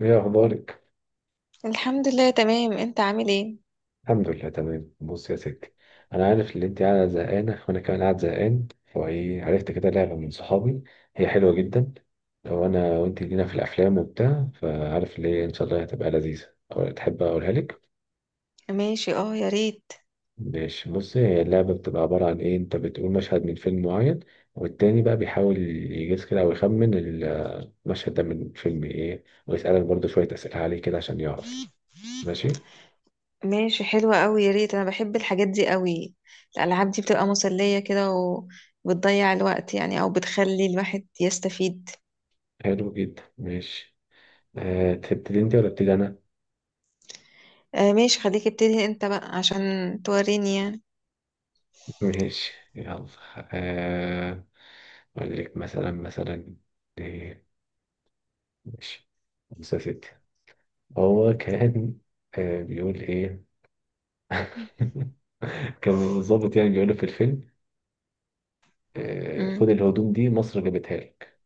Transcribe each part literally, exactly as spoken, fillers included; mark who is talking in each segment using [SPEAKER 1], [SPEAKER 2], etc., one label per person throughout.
[SPEAKER 1] ايه اخبارك؟
[SPEAKER 2] الحمد لله تمام. انت عامل ايه؟
[SPEAKER 1] الحمد لله تمام. بص يا ستي، انا عارف ان انت قاعده زهقانه وانا كمان قاعد زهقان، فايه؟ عرفت كده لعبه من صحابي، هي حلوه جدا. لو انا وانت لينا في الافلام وبتاع، فعارف ليه، ان شاء الله هتبقى لذيذه. أو تحب اقولها لك؟
[SPEAKER 2] ماشي. اه، يا ريت.
[SPEAKER 1] ماشي، بصي، هي اللعبه بتبقى عباره عن ايه، انت بتقول مشهد من فيلم معين، والتاني بقى بيحاول يجيز كده او يخمن المشهد ده من فيلم ايه، ويسالك برضه شويه اسئله عليه كده عشان يعرف. ماشي.
[SPEAKER 2] ماشي، حلوة قوي. يا ريت، انا بحب الحاجات دي قوي. الالعاب دي بتبقى مسلية كده، وبتضيع الوقت يعني او بتخلي الواحد يستفيد.
[SPEAKER 1] حلو جدا. ماشي. أه، تبتدي انت ولا ابتدي انا؟
[SPEAKER 2] آه، ماشي. خليك ابتدي انت بقى عشان توريني يعني.
[SPEAKER 1] ماشي يلا. آه، أقول لك مثلا، مثلا إيه؟ ماشي. خمسة ستة، هو كان، آه، بيقول إيه؟ كان الضابط يعني بيقول له في الفيلم، آه،
[SPEAKER 2] مم.
[SPEAKER 1] خد الهدوم دي، مصر جابتها لك.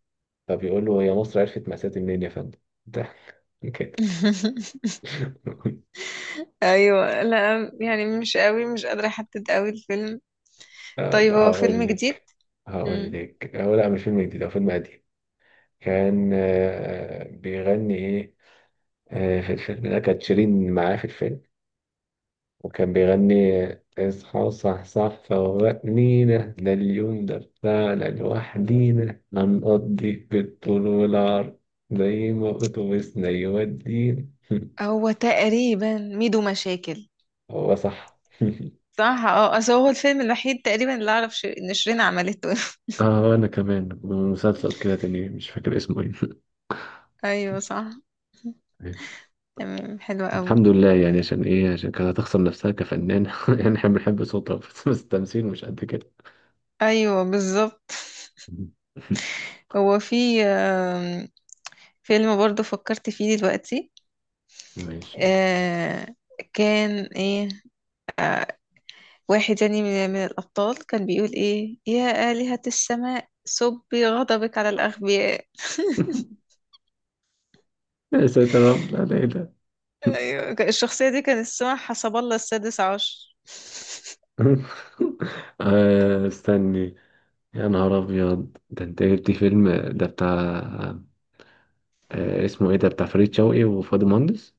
[SPEAKER 1] فبيقول له، هي مصر عرفت مأساتي منين يا فندم؟ ده كده.
[SPEAKER 2] ايوه، لا يعني مش قوي، مش قادرة احدد قوي الفيلم.
[SPEAKER 1] آه،
[SPEAKER 2] طيب، هو فيلم
[SPEAKER 1] هقول
[SPEAKER 2] جديد؟
[SPEAKER 1] لك هقول
[SPEAKER 2] مم.
[SPEAKER 1] لك هو لا، مش فيلم جديد، هو فيلم قديم. كان آه، بيغني إيه؟ آه، في الفيلم ده كانت شيرين معاه في الفيلم، وكان بيغني: اصحى صح صح فوقنينا، ده اليوم ده بتاعنا لوحدينا، هنقضي بالطول والعرض زي ما أتوبيسنا يودينا.
[SPEAKER 2] هو تقريبا ميدو مشاكل.
[SPEAKER 1] هو صح.
[SPEAKER 2] صح. اه، اصل هو الفيلم الوحيد تقريبا اللي اعرف ش- ان شيرين عملته.
[SPEAKER 1] اه انا كمان مسلسل كده تاني، مش فاكر اسمه ايه.
[SPEAKER 2] ايوه صح. تمام، حلوة قوي.
[SPEAKER 1] الحمد لله يعني، عشان ايه؟ عشان كانت هتخسر نفسها كفنانة. يعني احنا بنحب صوتها بس، بس التمثيل مش قد كده.
[SPEAKER 2] ايوه بالظبط. هو في آم، فيلم برضو فكرت فيه دلوقتي.
[SPEAKER 1] ماشي.
[SPEAKER 2] آه، كان ايه. واحد يعني من, من الابطال كان بيقول ايه: يا آلهة السماء، صبي غضبك على الاغبياء.
[SPEAKER 1] يا ساتر يا رب، لا لا لا.
[SPEAKER 2] ايوه، ك- الشخصية دي كان اسمها حسب الله السادس عشر.
[SPEAKER 1] آه، استني، يا نهار ابيض، ده انت جبت فيلم! ده بتاع آه، اسمه ايه، ده بتاع فريد شوقي وفؤاد المهندس.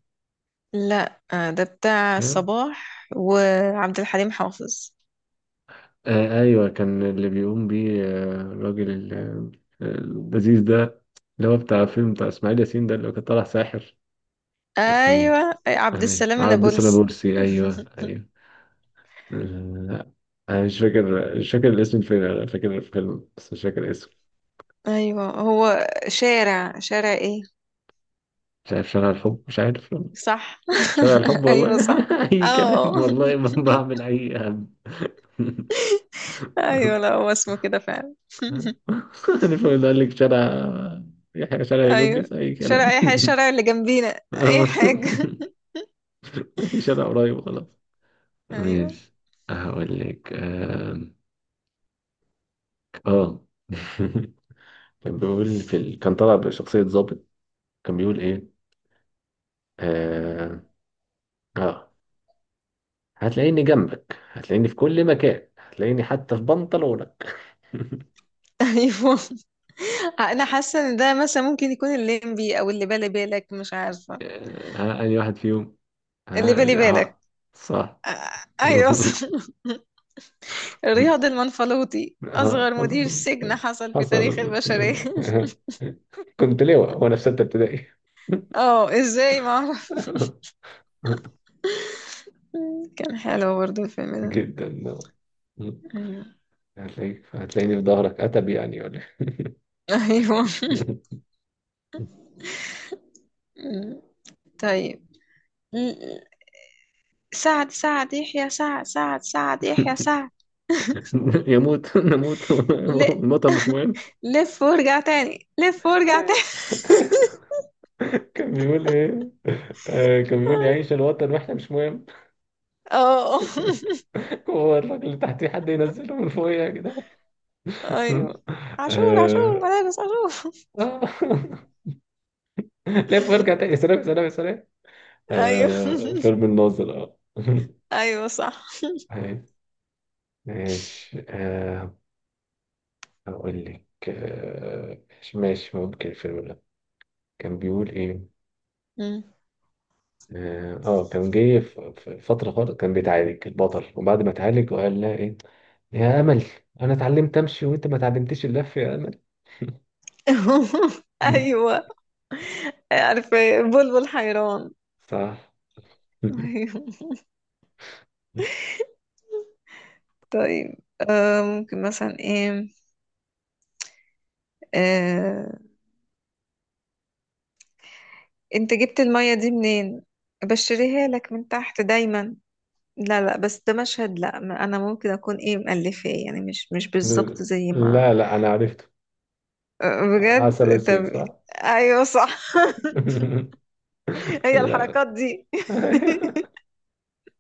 [SPEAKER 2] لا، آه، ده بتاع
[SPEAKER 1] آه،
[SPEAKER 2] صباح وعبد الحليم حافظ.
[SPEAKER 1] ايوه، كان اللي بيقوم بيه آه، الراجل ال- آه، اللذيذ ده، اللي هو بتاع فيلم بتاع اسماعيل ياسين ده اللي كان طالع ساحر. اسمه
[SPEAKER 2] ايوه، أي- عبد
[SPEAKER 1] ايوه
[SPEAKER 2] السلام
[SPEAKER 1] عبد
[SPEAKER 2] النابلسي.
[SPEAKER 1] البورسي، ايوه ايوه. آه، لا، انا مش فاكر مش فاكر الاسم، الفيلم انا فاكر الفيلم بس مش فاكر اسمه.
[SPEAKER 2] ايوه، هو شارع شارع ايه؟
[SPEAKER 1] مش عارف، شارع الحب، مش عارف.
[SPEAKER 2] صح.
[SPEAKER 1] شارع الحب
[SPEAKER 2] ايوه
[SPEAKER 1] والله.
[SPEAKER 2] صح.
[SPEAKER 1] أي
[SPEAKER 2] اه،
[SPEAKER 1] كلام والله، ما بعمل أي هم.
[SPEAKER 2] ايوه. لا، هو اسمه كده فعلا.
[SPEAKER 1] يعني فقلت قال لك شارع يحيى، شارع
[SPEAKER 2] ايوه،
[SPEAKER 1] هليوبلس، أي
[SPEAKER 2] شارع
[SPEAKER 1] كلام.
[SPEAKER 2] اي حاجه، الشارع اللي جنبينا، اي
[SPEAKER 1] آه.
[SPEAKER 2] حاجه.
[SPEAKER 1] أي شارع قريب خلاص.
[SPEAKER 2] ايوه،
[SPEAKER 1] ماشي. هقول لك آم، اه. كان بيقول في ال... كان طالع بشخصية ضابط، كان بيقول ايه؟ اه, آه. هتلاقيني جنبك، هتلاقيني في كل مكان، هتلاقيني حتى في بنطلونك.
[SPEAKER 2] ايوه. انا حاسه ان ده مثلا ممكن يكون الليمبي او اللي بالي بالك، مش عارفه.
[SPEAKER 1] آه، ها، أي واحد فيهم.
[SPEAKER 2] اللي بالي
[SPEAKER 1] آه
[SPEAKER 2] بالك.
[SPEAKER 1] آه، صح.
[SPEAKER 2] آه، ايوه صح. رياض المنفلوطي،
[SPEAKER 1] آه،
[SPEAKER 2] اصغر مدير
[SPEAKER 1] حصل.
[SPEAKER 2] سجن حصل في تاريخ
[SPEAKER 1] حصل.
[SPEAKER 2] البشريه.
[SPEAKER 1] كنت لواء وأنا في ستة ابتدائي.
[SPEAKER 2] اه، ازاي ما اعرف. كان حلو برضو الفيلم ده.
[SPEAKER 1] جدا.
[SPEAKER 2] ايوه.
[SPEAKER 1] هتلاقيك هتلاقيني في ظهرك، أتب يعني ولا
[SPEAKER 2] أيوة.
[SPEAKER 1] إيه؟
[SPEAKER 2] مم. طيب. مم. سعد سعد يحيى سعد سعد سعد يحيى سعد.
[SPEAKER 1] يموت نموت
[SPEAKER 2] ل...
[SPEAKER 1] الوطن مش مهم.
[SPEAKER 2] لف وارجع تاني، لف وارجع تاني.
[SPEAKER 1] كان بيقول ايه؟ آه، كان بيقول يعيش الوطن واحنا مش مهم.
[SPEAKER 2] اه،
[SPEAKER 1] هو الراجل اللي تحتيه حد ينزله من فوقيه كده.
[SPEAKER 2] ايوه. عاشور عاشور
[SPEAKER 1] آه.
[SPEAKER 2] مدارس عاشور.
[SPEAKER 1] آه. لف وارجع تاني، سلام سلام سلام.
[SPEAKER 2] ايوه.
[SPEAKER 1] آه، فيلم الناظر، اه.
[SPEAKER 2] ايوه صح.
[SPEAKER 1] طيب، ماشي. آه، هقول لك آه، ماشي ماشي، ممكن الفيلم ده. كان بيقول ايه؟
[SPEAKER 2] مم.
[SPEAKER 1] اه، آه، كان جاي في في فترة خالص، كان بيتعالج البطل، وبعد ما اتعالج وقال لها ايه؟ يا امل، انا اتعلمت امشي وانت ما اتعلمتيش اللف يا امل.
[SPEAKER 2] ايوه، عارفه بلبل حيران.
[SPEAKER 1] صح.
[SPEAKER 2] ايوه. طيب. آه ممكن مثلا ايه. آه انت جبت المية دي منين؟ بشريها لك من تحت دايما. لا، لا، بس ده مشهد. لا، ما- انا ممكن اكون ايه مؤلفاه يعني، مش مش بالظبط زي ما.
[SPEAKER 1] لا لا، انا عرفته، عسل
[SPEAKER 2] بجد؟
[SPEAKER 1] اسود
[SPEAKER 2] طب.
[SPEAKER 1] صح؟
[SPEAKER 2] ايوه صح. هي
[SPEAKER 1] لا.
[SPEAKER 2] الحركات دي.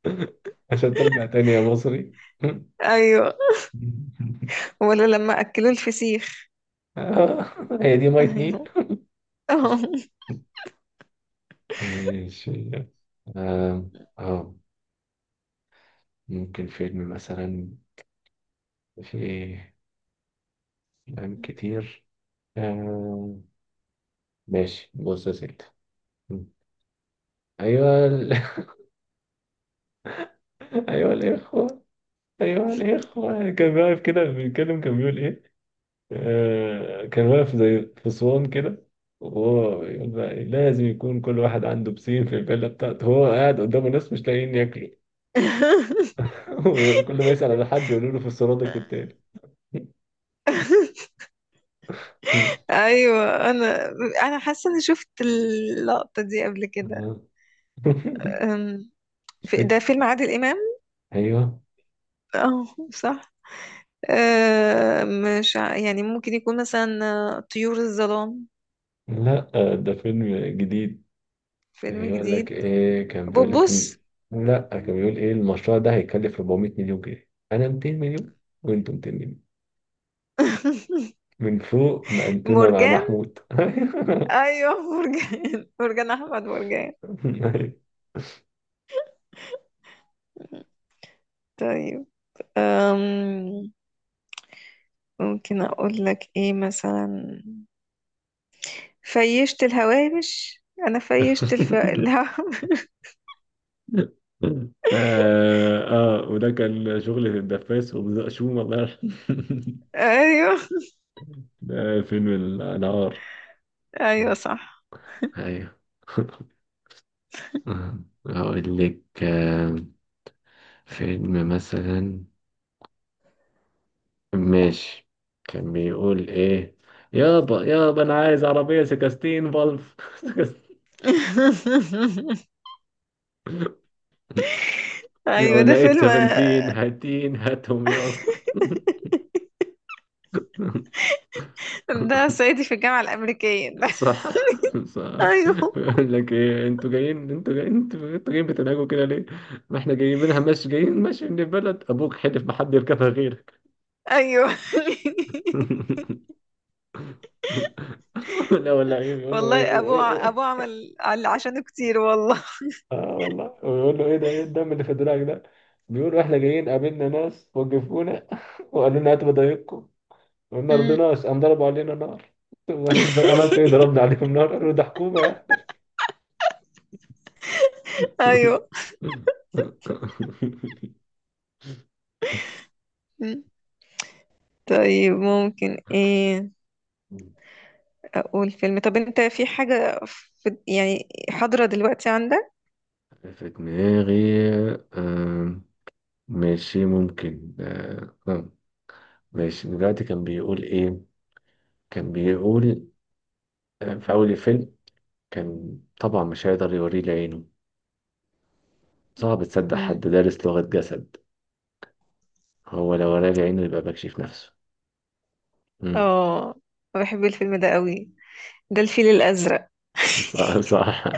[SPEAKER 1] عشان ترجع تاني يا مصري.
[SPEAKER 2] ايوه. ولا لما اكلوا الفسيخ.
[SPEAKER 1] آه، هي دي مية نيل.
[SPEAKER 2] ايوه.
[SPEAKER 1] ماشي. آه. آه. ممكن فيلم مثلا، في أفلام كتير. آه. ماشي، بص يا سيدي. أيوة ال... أيوة الإخوة، أيوة الإخوة كان واقف كده بيتكلم، كان بيقول إيه؟ آه، كان واقف زي فصوان كده، وهو يقول بقى إيه؟ لازم يكون كل واحد عنده بسين في الفيلا بتاعته، هو قاعد قدامه ناس مش لاقيين ياكلوا. ويقول- كل ما يسأل على حد يقولوا له في السرادق التاني.
[SPEAKER 2] ايوه، انا انا حاسه اني شفت اللقطه دي قبل كده.
[SPEAKER 1] آه.
[SPEAKER 2] أم، في- ده
[SPEAKER 1] افتكر.
[SPEAKER 2] فيلم عادل امام.
[SPEAKER 1] ايوه،
[SPEAKER 2] اه، صح. أه، مش ع- يعني ممكن يكون مثلا آه، طيور الظلام.
[SPEAKER 1] لا آه، ده فيلم جديد. كان
[SPEAKER 2] فيلم
[SPEAKER 1] بيقول لك
[SPEAKER 2] جديد؟
[SPEAKER 1] ايه؟ كان بيقول لك إن-
[SPEAKER 2] بوبوس.
[SPEAKER 1] لا كان بيقول ايه، المشروع ده هيكلف أربعمية مليون جنيه، انا ميتين مليون وانتوا ميتين مليون. من فوق مقدمة مع
[SPEAKER 2] مرجان.
[SPEAKER 1] محمود.
[SPEAKER 2] ايوه، مرجان. مرجان احمد مرجان. طيب. أم... ممكن اقول لك ايه مثلا: فيشت الهوامش. انا فيشت الف... الهوامش.
[SPEAKER 1] آه, اه، وده كان شغل في الدفاس وبزقشوم الله يرحمه.
[SPEAKER 2] ايوه.
[SPEAKER 1] ده فيلم النهار.
[SPEAKER 2] ايوه صح.
[SPEAKER 1] ايوه. هقول لك آه، فيلم مثلا، ماشي. كان بيقول ايه؟ يابا يابا انا عايز عربية سكستين فالف. سكستين، لو
[SPEAKER 2] ايوه. ده
[SPEAKER 1] لقيت
[SPEAKER 2] فيلم.
[SPEAKER 1] سفنتين هاتين هاتهم يابا.
[SPEAKER 2] ده صعيدي في الجامعه الامريكيه ده.
[SPEAKER 1] صح. صح.
[SPEAKER 2] ايوه.
[SPEAKER 1] يقول لك ايه، انتوا جايين، انتوا جايين، انتوا انتوا جايين بتنهجوا كده ليه؟ ما احنا جايبينها ماشي، جايين ماشي من البلد، ابوك حلف ما حد يركبها غيرك.
[SPEAKER 2] ايوه.
[SPEAKER 1] لا ولا ايه، بيقول له ايه
[SPEAKER 2] والله ابوه
[SPEAKER 1] ايه ايه
[SPEAKER 2] ع-
[SPEAKER 1] ايه
[SPEAKER 2] ابوه
[SPEAKER 1] إيه.
[SPEAKER 2] عمل عل- عشانه كتير والله.
[SPEAKER 1] اه والله، ويقول له ايه ده، ايه الدم اللي في دراعك ده؟ بيقولوا احنا جايين قابلنا ناس وقفونا وقالوا لنا هاتوا بضايقكم، وما
[SPEAKER 2] أمم،
[SPEAKER 1] رضيناش، قام ضربوا علينا نار. واحنا عملت ايه؟ ضربنا عليهم نار، قالوا ده حكومة يعني.
[SPEAKER 2] ايوه. طيب، ممكن ايه. اقول فيلم. طب انت في حاجة، في يعني حاضرة دلوقتي عندك؟
[SPEAKER 1] في دماغي. آه، ماشي، ممكن. آه آه، ماشي، دلوقتي كان بيقول إيه؟ كان بيقول آه، في أول الفيلم، كان طبعا مش هيقدر يوريه لعينه، صعب تصدق حد
[SPEAKER 2] امم.
[SPEAKER 1] دارس لغة جسد، هو لو وراه لعينه يبقى بكشف نفسه. مم.
[SPEAKER 2] اه، بحب الفيلم ده قوي. ده الفيل الازرق.
[SPEAKER 1] صح صح.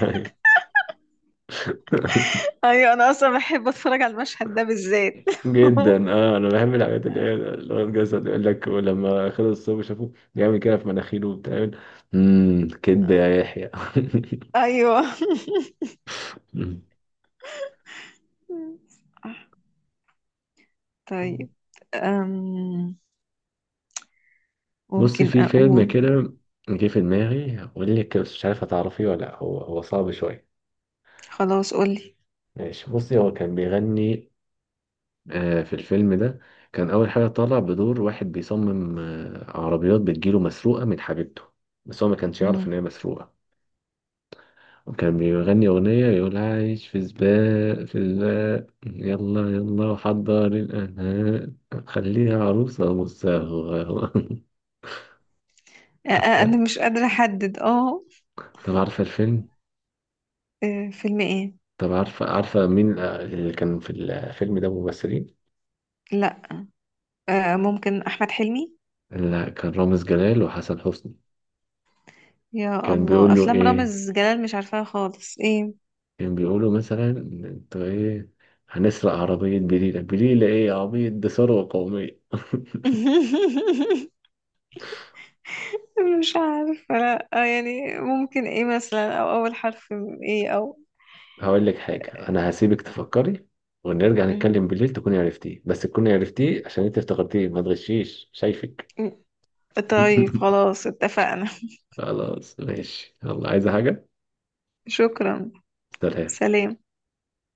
[SPEAKER 2] ايوه، انا اصلا بحب اتفرج على المشهد ده بالذات.
[SPEAKER 1] جدا، اه انا بحب الحاجات اللي هي لغة جسد، يقول لك ولما خلص الصوب شافوه بيعمل كده في مناخيره وبتاع. امم، كدب يا يحيى.
[SPEAKER 2] ايوه.
[SPEAKER 1] مم.
[SPEAKER 2] طيب. أم
[SPEAKER 1] بص،
[SPEAKER 2] ممكن
[SPEAKER 1] في فيلم
[SPEAKER 2] اقول.
[SPEAKER 1] كده جه في دماغي اقول لك، بس مش عارف هتعرفيه ولا لأ، هو هو صعب شويه.
[SPEAKER 2] خلاص، قولي.
[SPEAKER 1] ماشي، بصي هو كان بيغني آه، في الفيلم ده، كان اول حاجه طالع بدور واحد بيصمم آه، عربيات بتجيله مسروقه من حبيبته، بس هو ما كانش يعرف
[SPEAKER 2] أم،
[SPEAKER 1] ان هي مسروقه، وكان بيغني اغنيه يقول: عايش في سباق في سباق يلا يلا وحضر الانهاء، خليها عروسه مصاغه.
[SPEAKER 2] أ- أ-
[SPEAKER 1] عارفه؟
[SPEAKER 2] انا مش قادرة احدد. اه،
[SPEAKER 1] طب عارفه الفيلم؟
[SPEAKER 2] آه، فيلم ايه؟
[SPEAKER 1] طب عارفة، عارفة مين اللي كان في الفيلم ده ممثلين؟
[SPEAKER 2] لا، آه، ممكن احمد حلمي.
[SPEAKER 1] لا، كان رامز جلال وحسن حسني.
[SPEAKER 2] يا
[SPEAKER 1] كان
[SPEAKER 2] الله،
[SPEAKER 1] بيقول له
[SPEAKER 2] افلام
[SPEAKER 1] إيه؟
[SPEAKER 2] رامز جلال مش عارفاها خالص. ايه.
[SPEAKER 1] كان بيقول له مثلا أنتوا إيه، هنسرق عربية بليلة بليلة، إيه يا عبيط، دي ثروة قومية.
[SPEAKER 2] مش عارفة. لا، آه، يعني ممكن ايه مثلا، او اول حرف من ايه، او.
[SPEAKER 1] هقول لك حاجة، أنا هسيبك تفكري، ونرجع نتكلم
[SPEAKER 2] مهم.
[SPEAKER 1] بالليل تكوني عرفتيه، بس تكوني عرفتيه عشان أنت افتكرتيه، ما تغشيش شايفك.
[SPEAKER 2] طيب، خلاص اتفقنا.
[SPEAKER 1] خلاص ماشي يلا، عايزة حاجة؟
[SPEAKER 2] شكرا.
[SPEAKER 1] سلام.
[SPEAKER 2] سلام.